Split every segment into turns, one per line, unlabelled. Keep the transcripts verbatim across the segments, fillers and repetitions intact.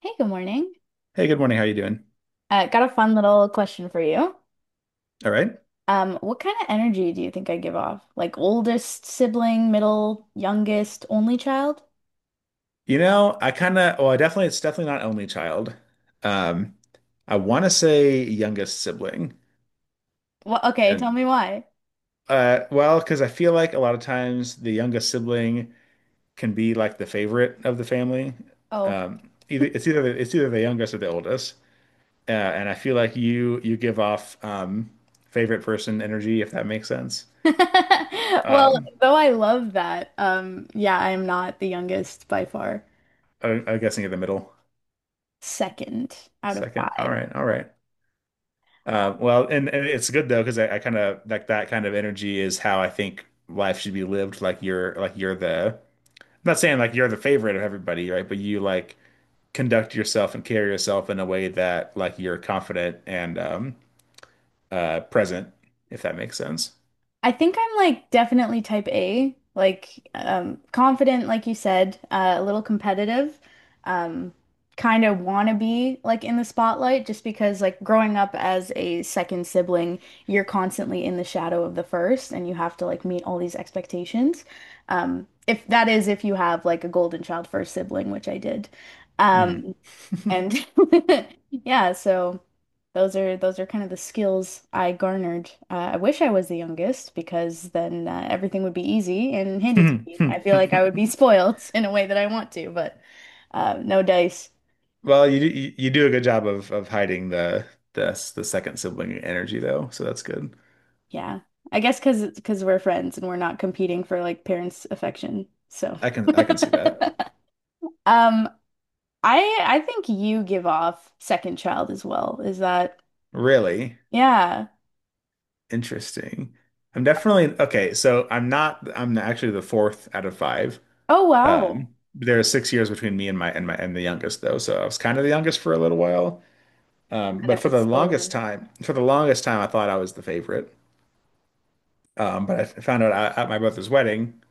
Hey, good morning.
Hey, good morning. How you doing?
Uh, got a fun little question for you.
All right.
Um, what kind of energy do you think I give off? Like oldest sibling, middle, youngest, only child?
You know, I kind of, well, I definitely, it's definitely not only child. Um, I want to say youngest sibling.
Well, okay,
And,
tell me why.
uh, well, because I feel like a lot of times the youngest sibling can be like the favorite of the family.
Oh.
Um, either, it's either, the, It's either the youngest or the oldest. Uh, and I feel like you, you give off, um, favorite person energy, if that makes sense.
Well,
Um,
though I love that, um, yeah, I am not the youngest by far.
I, I'm guessing in the middle.
Second out of
Second. All
five.
right. All right. Um, well, and, and it's good though because I, I kind of like that kind of energy is how I think life should be lived. Like you're like you're the I'm not saying like you're the favorite of everybody, right? But you like conduct yourself and carry yourself in a way that like you're confident and um uh present, if that makes sense.
I think I'm like definitely type A, like um, confident, like you said, uh, a little competitive, um, kind of wanna be like in the spotlight just because like growing up as a second sibling, you're constantly in the shadow of the first and you have to like meet all these expectations. Um, if that is if you have like a golden child first sibling, which I did.
Mhm.
Um, and yeah, so those are those are kind of the skills I garnered. Uh, I wish I was the youngest because then uh, everything would be easy and handed to me. I feel like I would be spoiled in a way that I want to, but uh, no dice.
Well, you do you, you do a good job of of hiding the the the second sibling energy though, so that's good.
Yeah, I guess because because we're friends and we're not competing for like parents' affection. So,
I can I can see that.
um, I I think you give off second child as well. Is that
Really?
yeah?
Interesting. I'm definitely okay. So I'm not. I'm actually the fourth out of five.
Oh
Um,
wow,
there are six years between me and my and my and the youngest though. So I was kind of the youngest for a little while. Um,
and
but
it
for
was
the longest
stolen.
time, For the longest time, I thought I was the favorite. Um, but I f- found out at at my brother's wedding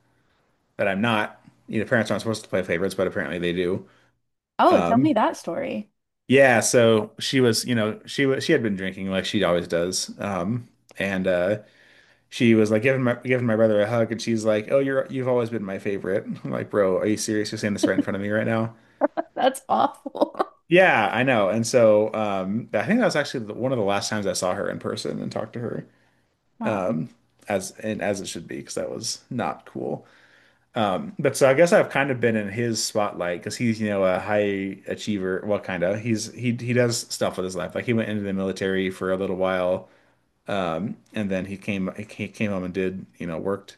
that I'm not. You know, parents aren't supposed to play favorites, but apparently they do.
Oh, tell me
Um,
that story.
yeah. So she was. You know, she was. She had been drinking like she always does. Um, and uh, She was like giving my giving my brother a hug, and she's like, "Oh, you're you've always been my favorite." I'm like, bro, are you serious? You're saying this right in front of me right now?
That's awful.
Yeah, I know. And so um, I think that was actually the, one of the last times I saw her in person and talked to her
Wow.
as and as it should be because that was not cool. Um, but so I guess I've kind of been in his spotlight because he's you know a high achiever. Well, kind of. He's he he does stuff with his life. Like he went into the military for a little while, um, and then he came he came home and did you know worked.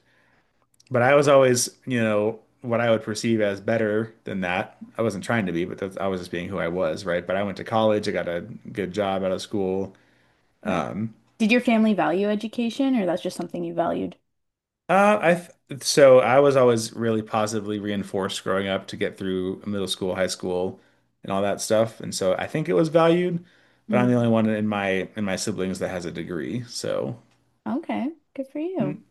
But I was always, you know, what I would perceive as better than that. I wasn't trying to be, but that's, I was just being who I was, right? But I went to college, I got a good job out of school.
Right.
Um,
Did your family value education or that's just something you valued?
uh, I th so I was always really positively reinforced growing up to get through middle school, high school, and all that stuff. And so I think it was valued, but I'm the
Mm.
only one in my in my siblings that has a degree. So
Okay. Good for you.
n-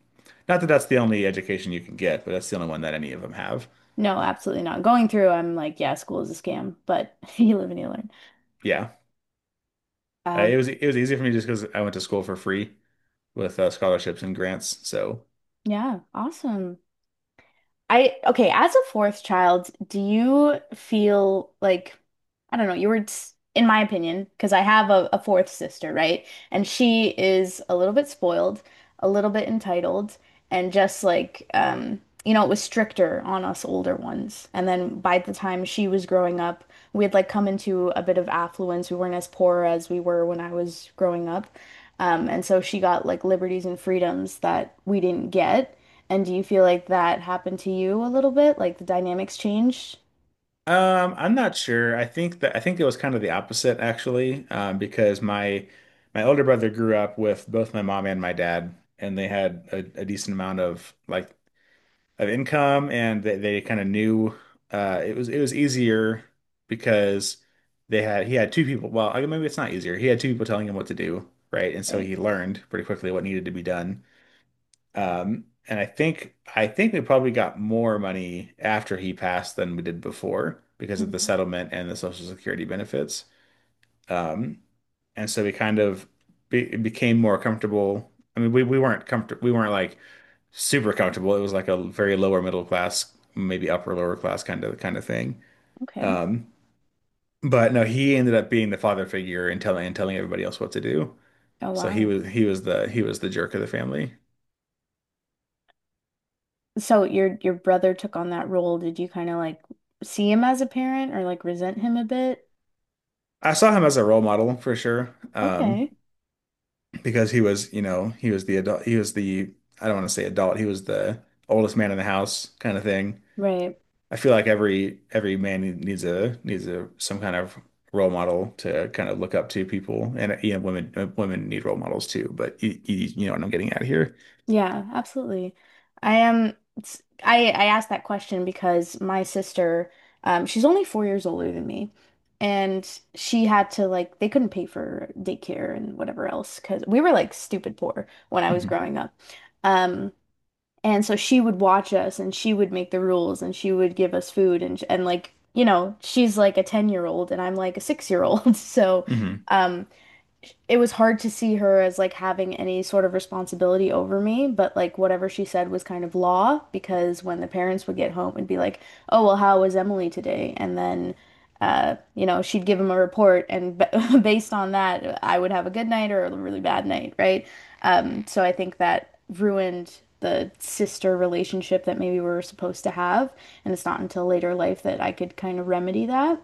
not that that's the only education you can get, but that's the only one that any of them have.
No, absolutely not. Going through, I'm like, yeah, school is a scam, but you live and you learn.
Yeah. Uh, it
Um,
was it was easy for me just because I went to school for free with uh, scholarships and grants. So
yeah, awesome. I Okay, as a fourth child, do you feel like I don't know, you were s- in my opinion, because I have a, a fourth sister, right? And she is a little bit spoiled, a little bit entitled, and just like um, you know, it was stricter on us older ones. And then by the time she was growing up, we had like come into a bit of affluence. We weren't as poor as we were when I was growing up. Um, and so she got like liberties and freedoms that we didn't get. And do you feel like that happened to you a little bit? Like the dynamics changed?
um, I'm not sure. I think that I think it was kind of the opposite actually, um, because my my older brother grew up with both my mom and my dad, and they had a, a decent amount of like of income, and they, they kind of knew uh, it was it was easier because they had he had two people. Well, I mean, maybe it's not easier. He had two people telling him what to do, right? And so he learned pretty quickly what needed to be done. Um, and I think I think we probably got more money after he passed than we did before because of the
Mhm.
settlement and the Social Security benefits. Um, and so we kind of be, became more comfortable. I mean, we, we weren't comfortable. We weren't like super comfortable. It was like a very lower middle class, maybe upper lower class kind of kind of thing.
Okay.
Um, but no, he ended up being the father figure and telling and telling everybody else what to do.
Oh,
So he
wow.
was he was the he was the jerk of the family.
So your your brother took on that role. Did you kind of like see him as a parent or like resent him a bit?
I saw him as a role model for sure. Um,
Okay.
because he was, you know, he was the adult, he was the, I don't want to say adult, he was the oldest man in the house kind of thing.
Right.
I feel like every every man needs a needs a some kind of role model to kind of look up to people, and you know, women uh, women need role models too. But you, you, you know what I'm getting at here.
Yeah, absolutely. I am it's, I I asked that question because my sister, um, she's only four years older than me. And she had to like they couldn't pay for daycare and whatever else because we were like stupid poor when I was
Hmm.
growing up. Um, And so she would watch us and she would make the rules and she would give us food and and like, you know, she's like a ten-year-old and I'm like a six-year-old. So,
Hmm.
um it was hard to see her as like having any sort of responsibility over me, but like whatever she said was kind of law because when the parents would get home and be like, "Oh, well, how was Emily today?" And then uh, you know, she'd give them a report and b based on that, I would have a good night or a really bad night, right? Um, so I think that ruined the sister relationship that maybe we were supposed to have, and it's not until later life that I could kind of remedy that.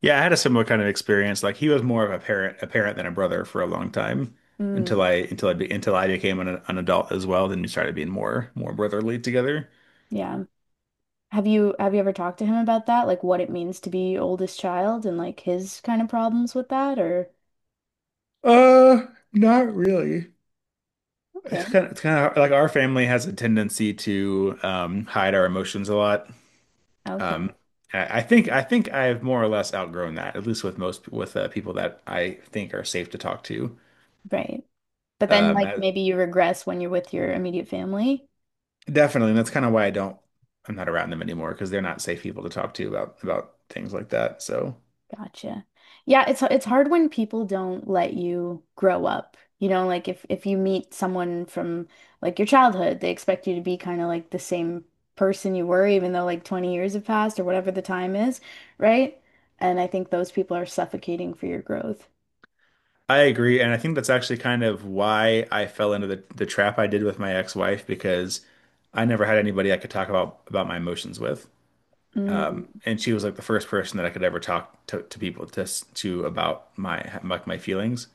Yeah, I had a similar kind of experience. Like he was more of a parent a parent than a brother for a long time until
Mm,
I until I be, until I became an, an adult as well. Then we started being more more brotherly together.
yeah. Have you have you ever talked to him about that? Like what it means to be oldest child and like his kind of problems with that or
Uh, Not really.
okay.
It's kind of, it's kind of like our family has a tendency to um, hide our emotions a lot. Um,
Okay.
I, I think I think I've more or less outgrown that, at least with most with uh, people that I think are safe to talk to.
Right. But then
Um,
like
I-
maybe you regress when you're with your immediate family.
Definitely, and that's kind of why I don't I'm not around them anymore because they're not safe people to talk to about about things like that. So
Gotcha. Yeah, it's it's hard when people don't let you grow up. You know, like if if you meet someone from like your childhood, they expect you to be kind of like the same person you were even though like twenty years have passed or whatever the time is, right? And I think those people are suffocating for your growth.
I agree, and I think that's actually kind of why I fell into the the trap I did with my ex-wife because I never had anybody I could talk about about my emotions with.
Mm.
And she was like the first person that I could ever talk to, to people to to about my like my feelings.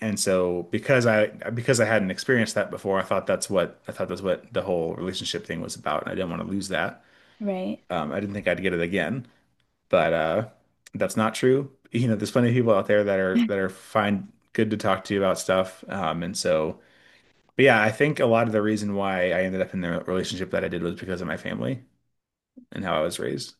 And so because I because I hadn't experienced that before, I thought that's what I thought that's what the whole relationship thing was about, and I didn't want to lose that.
Right.
Um, I didn't think I'd get it again, but uh, that's not true. You know, there's plenty of people out there that are that are fine, good to talk to you about stuff. Um, and so, but yeah, I think a lot of the reason why I ended up in the relationship that I did was because of my family and how I was raised.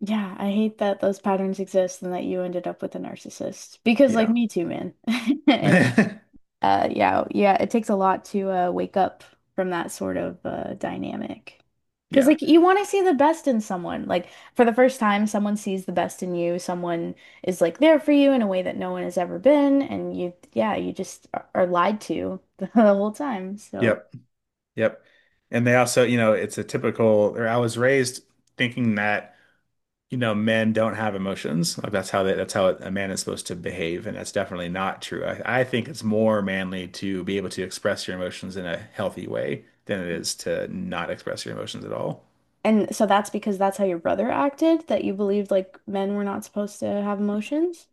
Yeah, I hate that those patterns exist and that you ended up with a narcissist. Because like
Yeah,
me too, man. And
yeah,
uh yeah, yeah, it takes a lot to uh wake up from that sort of uh dynamic. 'Cause like you want to see the best in someone. Like for the first time, someone sees the best in you. Someone is like there for you in a way that no one has ever been and you yeah, you just are are lied to the whole time. So
yep. Yep. And they also, you know, it's a typical, or I was raised thinking that, you know, men don't have emotions. Like that's how they, that's how a man is supposed to behave. And that's definitely not true. I, I think it's more manly to be able to express your emotions in a healthy way than it is to not express your emotions at all.
and so that's because that's how your brother acted, that you believed like men were not supposed to have emotions?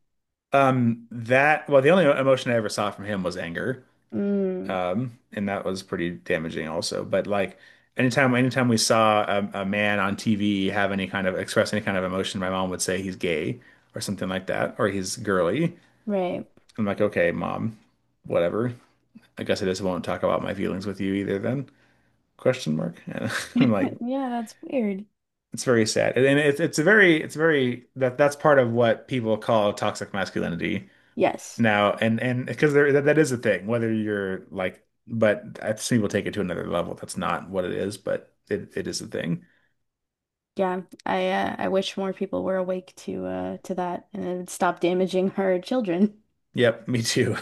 Um, that, well, the only emotion I ever saw from him was anger.
Mm,
Um, and that was pretty damaging also. But like anytime anytime we saw a, a man on T V have any kind of express any kind of emotion, my mom would say he's gay or something like that, or he's girly.
right.
I'm like, okay, mom, whatever. I guess I just won't talk about my feelings with you either then? Question mark. And I'm like,
Yeah, that's weird.
it's very sad. And it's it's a very it's very that that's part of what people call toxic masculinity
Yes.
now, and and because there that, that is a thing, whether you're like, but I've seen people take it to another level. That's not what it is, but it, it is a thing.
Yeah. I uh, I wish more people were awake to uh to that and it would stop damaging her children.
Yep, me too.